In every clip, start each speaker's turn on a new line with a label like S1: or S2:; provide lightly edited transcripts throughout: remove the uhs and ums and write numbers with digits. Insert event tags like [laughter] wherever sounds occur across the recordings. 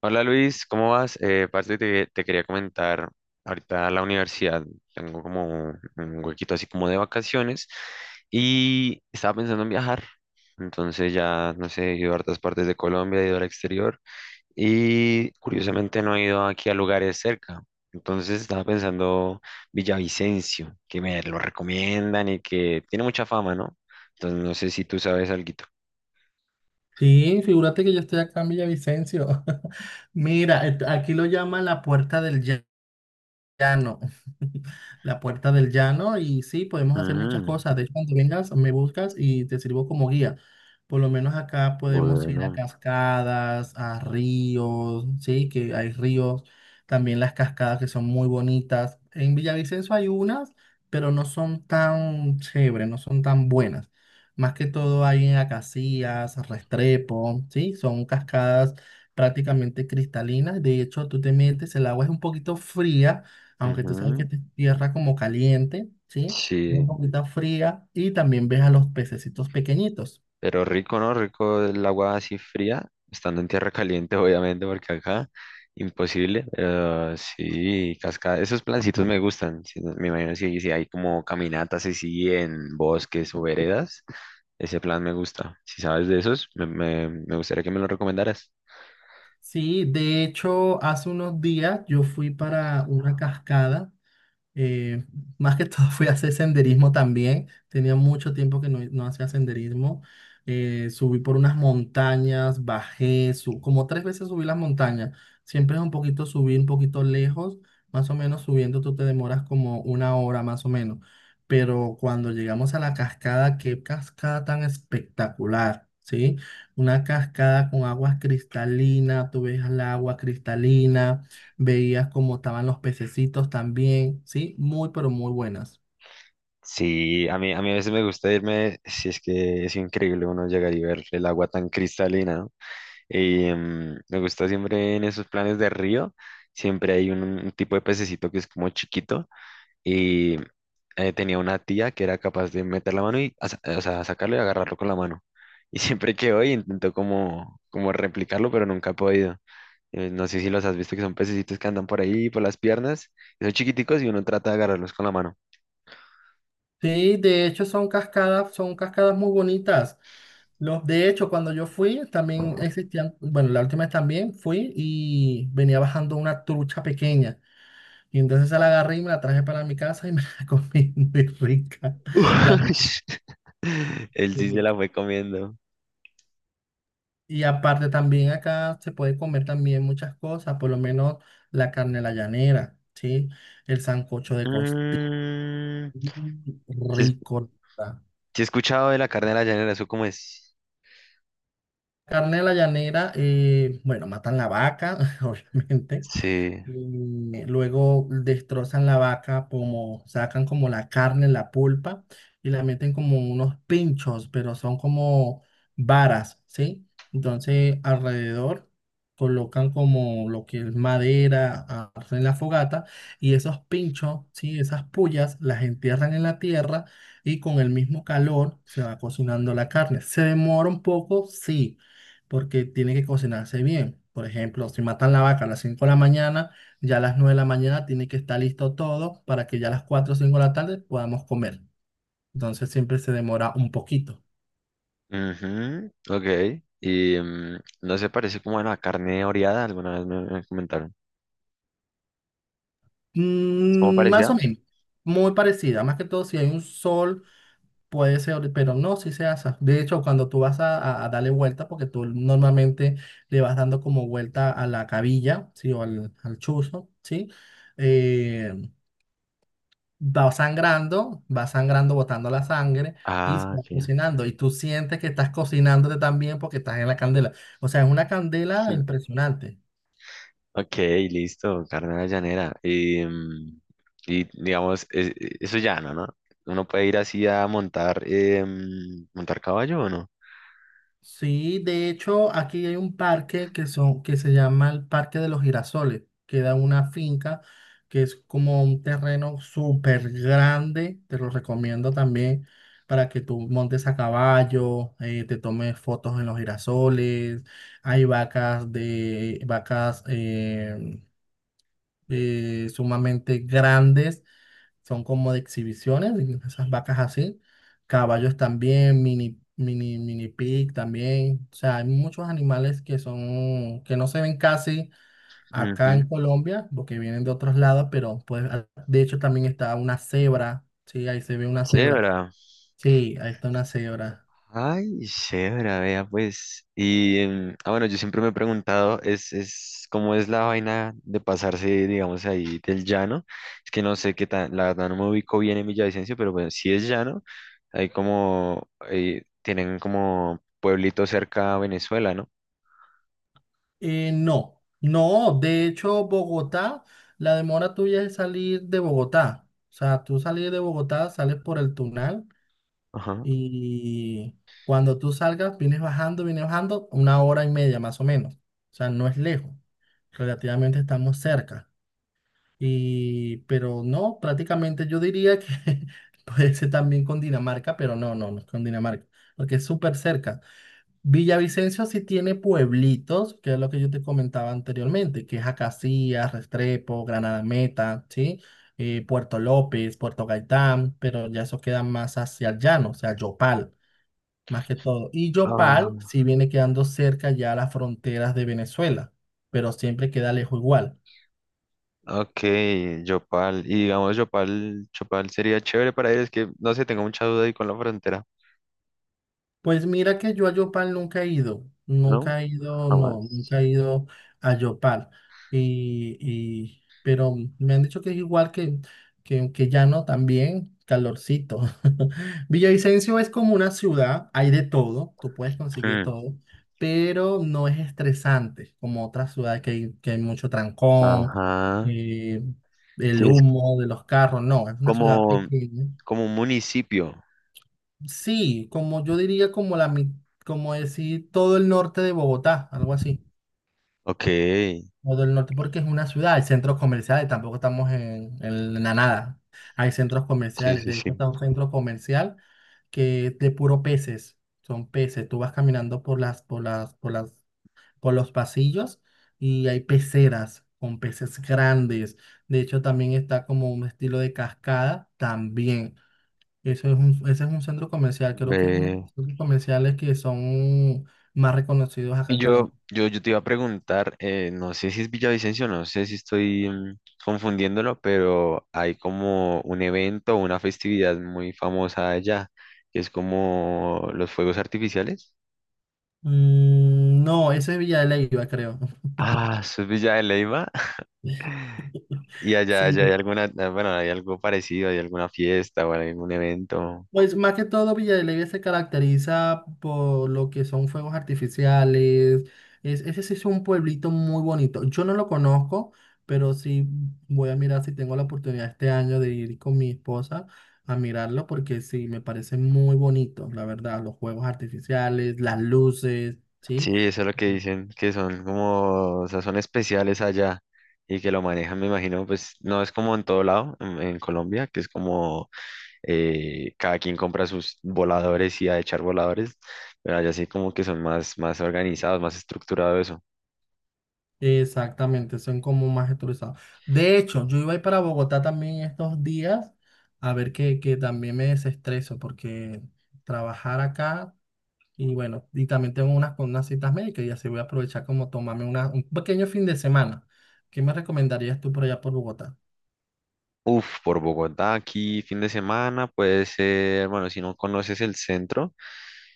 S1: Hola Luis, ¿cómo vas? Parce, te quería comentar, ahorita a la universidad tengo como un huequito así como de vacaciones y estaba pensando en viajar. Entonces ya, no sé, he ido a hartas partes de Colombia, he ido al exterior y curiosamente no he ido aquí a lugares cerca. Entonces estaba pensando Villavicencio, que me lo recomiendan y que tiene mucha fama, ¿no? Entonces no sé si tú sabes alguito.
S2: Sí, figúrate que yo estoy acá en Villavicencio. [laughs] Mira, aquí lo llaman la puerta del llano, [laughs] la puerta del llano y sí, podemos hacer muchas
S1: Mm,
S2: cosas. De hecho, cuando vengas, me buscas y te sirvo como guía. Por lo menos acá podemos ir a
S1: bueno,
S2: cascadas, a ríos, sí, que hay ríos, también las cascadas que son muy bonitas. En Villavicencio hay unas, pero no son tan chéveres, no son tan buenas. Más que todo hay en Acacías, Restrepo, sí, son cascadas prácticamente cristalinas. De hecho, tú te metes, el agua es un poquito fría aunque tú sabes que
S1: ujú,
S2: esta es tierra como caliente, ¿sí? Es un
S1: sí.
S2: poquito fría y también ves a los pececitos pequeñitos.
S1: Pero rico, ¿no? Rico el agua así fría, estando en tierra caliente, [laughs] obviamente, porque acá imposible. Pero sí, cascada. Esos plancitos me gustan. Sí, me imagino si hay como caminatas así en bosques o veredas. Ese plan me gusta. Si sabes de esos, me gustaría que me lo recomendaras.
S2: Sí, de hecho, hace unos días yo fui para una cascada. Eh, Más que todo [laughs] fui a hacer senderismo también. Tenía mucho tiempo que no hacía senderismo. Subí por unas montañas, bajé, como tres veces subí las montañas. Siempre es un poquito subir, un poquito lejos. Más o menos subiendo tú te demoras como una hora más o menos. Pero cuando llegamos a la cascada, qué cascada tan espectacular, ¿sí? Una cascada con aguas cristalinas, tú ves el agua cristalina, veías cómo estaban los pececitos también, ¿sí? Muy, pero muy buenas.
S1: Sí, a mí a veces me gusta irme, si es que es increíble uno llegar y ver el agua tan cristalina. Y, me gusta siempre en esos planes de río, siempre hay un tipo de pececito que es como chiquito y tenía una tía que era capaz de meter la mano y o sea, sacarlo y agarrarlo con la mano. Y [laughs] siempre quedó y intentó como replicarlo, pero nunca he podido. No sé si los has visto, que son pececitos que andan por ahí, por las piernas, y son chiquiticos y uno trata de agarrarlos con la mano.
S2: Sí, de hecho son cascadas muy bonitas. Los, de hecho, cuando yo fui, también existían, bueno, la última vez también fui y venía bajando una trucha pequeña. Y entonces se la agarré y me la traje para mi casa y me la [laughs] comí muy rica. La rica,
S1: [laughs] Él
S2: muy
S1: sí se la
S2: rica.
S1: fue comiendo.
S2: Y aparte también acá se puede comer también muchas cosas, por lo menos la carne a la llanera, ¿sí? El sancocho de costilla.
S1: Mm,
S2: Mm,
S1: sí, es.
S2: rico. La
S1: Sí he escuchado de la carne de la llanera, ¿eso cómo es?
S2: Carne de la llanera, bueno, matan la vaca, [laughs] obviamente.
S1: Sí.
S2: Mm, luego destrozan la vaca, como sacan como la carne, la pulpa, y la meten como unos pinchos, pero son como varas, ¿sí? Entonces alrededor colocan como lo que es madera, hacen la fogata, y esos pinchos, ¿sí? Esas pullas las entierran en la tierra y con el mismo calor se va cocinando la carne. ¿Se demora un poco? Sí, porque tiene que cocinarse bien. Por ejemplo, si matan la vaca a las 5 de la mañana, ya a las 9 de la mañana tiene que estar listo todo para que ya a las 4 o 5 de la tarde podamos comer. Entonces siempre se demora un poquito.
S1: Ujú, ok. Y mm, no se parece como bueno, a la carne oreada, alguna vez me comentaron. ¿Es como
S2: Mm, más
S1: parecida?
S2: o menos, muy parecida. Más que todo, si hay un sol, puede ser, pero no, si se asa. De hecho, cuando tú vas a darle vuelta, porque tú normalmente le vas dando como vuelta a la cabilla, ¿sí? O al, al chuzo, ¿sí? Eh, Va sangrando, va sangrando, botando la sangre y se
S1: Ah,
S2: va
S1: ok.
S2: cocinando. Y tú sientes que estás cocinándote también porque estás en la candela. O sea, es una candela
S1: [laughs]
S2: impresionante.
S1: Ok, listo, carne de la llanera. Y, mm, y, digamos, eso es no, ¿no? Uno puede ir así a montar, montar caballo o no.
S2: Sí, de hecho, aquí hay un parque que, son, que se llama el Parque de los Girasoles. Queda en una finca que es como un terreno súper grande. Te lo recomiendo también para que tú montes a caballo, te tomes fotos en los girasoles. Hay vacas de vacas sumamente grandes, son como de exhibiciones, y esas vacas así, caballos también, mini, mini, mini pig también, o sea, hay muchos animales que son, que no se ven casi acá en
S1: Ujú.
S2: Colombia, porque vienen de otros lados, pero pues, de hecho también está una cebra, sí, ahí se ve una cebra,
S1: Chévere.
S2: sí, ahí está una cebra.
S1: Ay, chévere, vea, pues. Y bueno, yo siempre me he preguntado, es, ¿cómo es la vaina de pasarse, digamos, ahí del llano? Es que no sé qué tan, la verdad no me ubico bien en Villavicencio, pero bueno, si es llano, hay como, tienen como pueblito cerca a Venezuela, ¿no?
S2: No, no, de hecho Bogotá, la demora tuya es salir de Bogotá. O sea, tú salir de Bogotá, sales por el Tunal.
S1: Ajá.
S2: Y cuando tú salgas, vienes bajando una hora y media más o menos. O sea, no es lejos. Relativamente estamos cerca. Y, pero no, prácticamente yo diría que [laughs] puede ser también con Dinamarca, pero no, no, no es con Dinamarca, porque es súper cerca. Villavicencio sí tiene pueblitos, que es lo que yo te comentaba anteriormente, que es Acacías, Restrepo, Granada Meta, ¿sí? Puerto López, Puerto Gaitán, pero ya eso queda más hacia el llano, o sea, Yopal más que todo. Y
S1: Ah,
S2: Yopal sí viene quedando cerca ya a las fronteras de Venezuela, pero siempre queda lejos igual.
S1: ok, Yopal. Y digamos, Yopal sería chévere para ir, es que, no sé, tengo mucha duda ahí con la frontera,
S2: Pues mira que yo a Yopal nunca he ido,
S1: ¿no?
S2: nunca he ido, no,
S1: Jamás.
S2: nunca he ido a Yopal. Pero me han dicho que es igual que, que Llano también, calorcito. [laughs] Villavicencio es como una ciudad, hay de todo, tú puedes conseguir
S1: Hmm,
S2: todo, pero no es estresante como otras ciudades que hay mucho trancón,
S1: ajá.
S2: eh, el
S1: Sí,
S2: humo de los carros, no, es una ciudad
S1: como,
S2: pequeña.
S1: como un municipio.
S2: Sí, como yo diría como como decir todo el norte de Bogotá, algo así.
S1: Ok, sí,
S2: Todo el norte porque es una ciudad, hay centros comerciales, tampoco estamos en la nada. Hay centros
S1: sí,
S2: comerciales, de hecho
S1: sí.
S2: está un centro comercial que es de puro peces, son peces. Tú vas caminando por las, por los pasillos y hay peceras con peces grandes. De hecho también está como un estilo de cascada también. Eso es un, ese es un centro comercial. Creo que es uno de
S1: Ve.
S2: los centros comerciales que son más reconocidos acá
S1: Y
S2: en Colombia.
S1: yo te iba a preguntar, no sé si es Villavicencio, no sé si estoy confundiéndolo, pero hay como un evento, una festividad muy famosa allá, que es como los fuegos artificiales.
S2: Mm, no, ese es Villa de Leyva, creo.
S1: Ah, eso es Villa de Leyva. [laughs]
S2: [laughs]
S1: Y allá hay
S2: Sí,
S1: alguna, ah, bueno, hay algo parecido, hay alguna fiesta o algún evento.
S2: pues más que todo Villa de Leyva se caracteriza por lo que son fuegos artificiales. Es, ese sí es un pueblito muy bonito. Yo no lo conozco, pero sí voy a mirar si tengo la oportunidad este año de ir con mi esposa a mirarlo porque sí, me parece muy bonito, la verdad, los fuegos artificiales, las luces,
S1: Sí,
S2: ¿sí?
S1: eso es lo que dicen, que son como, o sea, son especiales allá y que lo manejan, me imagino, pues no es como en todo lado, en Colombia, que es como cada quien compra sus voladores y a echar voladores, pero allá sí como que son más, más organizados, más estructurado eso.
S2: Exactamente, son como más estructurados. De hecho, yo iba a ir para Bogotá también estos días a ver que también me desestreso porque trabajar acá y bueno, y también tengo unas, con unas citas médicas y así voy a aprovechar como tomarme una, un pequeño fin de semana. ¿Qué me recomendarías tú por allá por Bogotá?
S1: Uf, por Bogotá, aquí fin de semana puede ser, bueno, si no conoces el centro.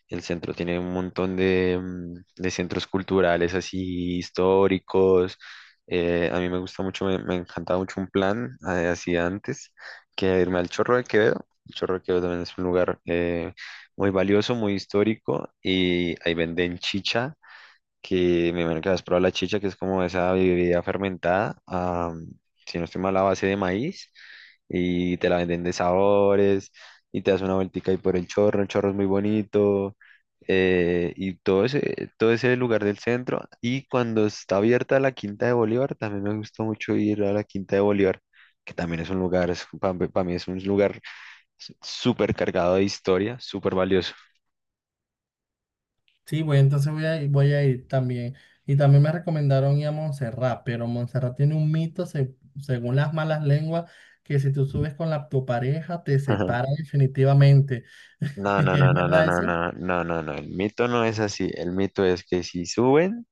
S1: El centro tiene un montón de, mm, de centros culturales así históricos. A mí me gusta mucho, me encantaba mucho un plan así antes que irme al Chorro de Quevedo. El Chorro de Quevedo también es un lugar muy valioso, muy histórico y ahí venden chicha, que me imagino que has probado la chicha, que es como esa bebida fermentada, ah, si no estoy mal, a base de maíz, y te la venden de sabores, y te das una vueltica ahí por el chorro es muy bonito, y todo ese lugar del centro, y cuando está abierta la Quinta de Bolívar, también me gusta mucho ir a la Quinta de Bolívar, que también es un lugar, para mí es un lugar súper cargado de historia, súper valioso.
S2: Sí, voy, entonces voy voy a ir también. Y también me recomendaron ir a Montserrat, pero Montserrat tiene un mito, según las malas lenguas, que si tú subes con tu pareja, te separa
S1: [laughs]
S2: definitivamente. [laughs]
S1: No, no,
S2: ¿Es
S1: no, no, no,
S2: verdad
S1: no,
S2: eso?
S1: no, no, no, no. El mito no es así. El mito es que si suben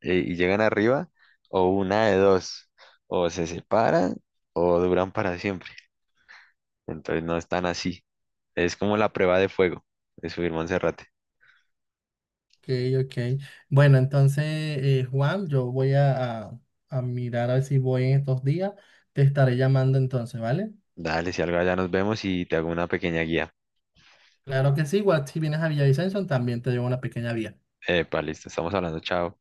S1: y llegan arriba, o una de dos, o se separan o duran para siempre. Entonces no es tan así. Es como la prueba de fuego de subir Monserrate.
S2: Ok, ok. Bueno, entonces, Juan, yo voy a mirar a ver si voy en estos días. Te estaré llamando entonces, ¿vale?
S1: Dale, si algo allá nos vemos y te hago una pequeña guía.
S2: Claro que sí, igual si vienes a Villavicencio, también te llevo una pequeña vía.
S1: Epa, listo, estamos hablando, chao.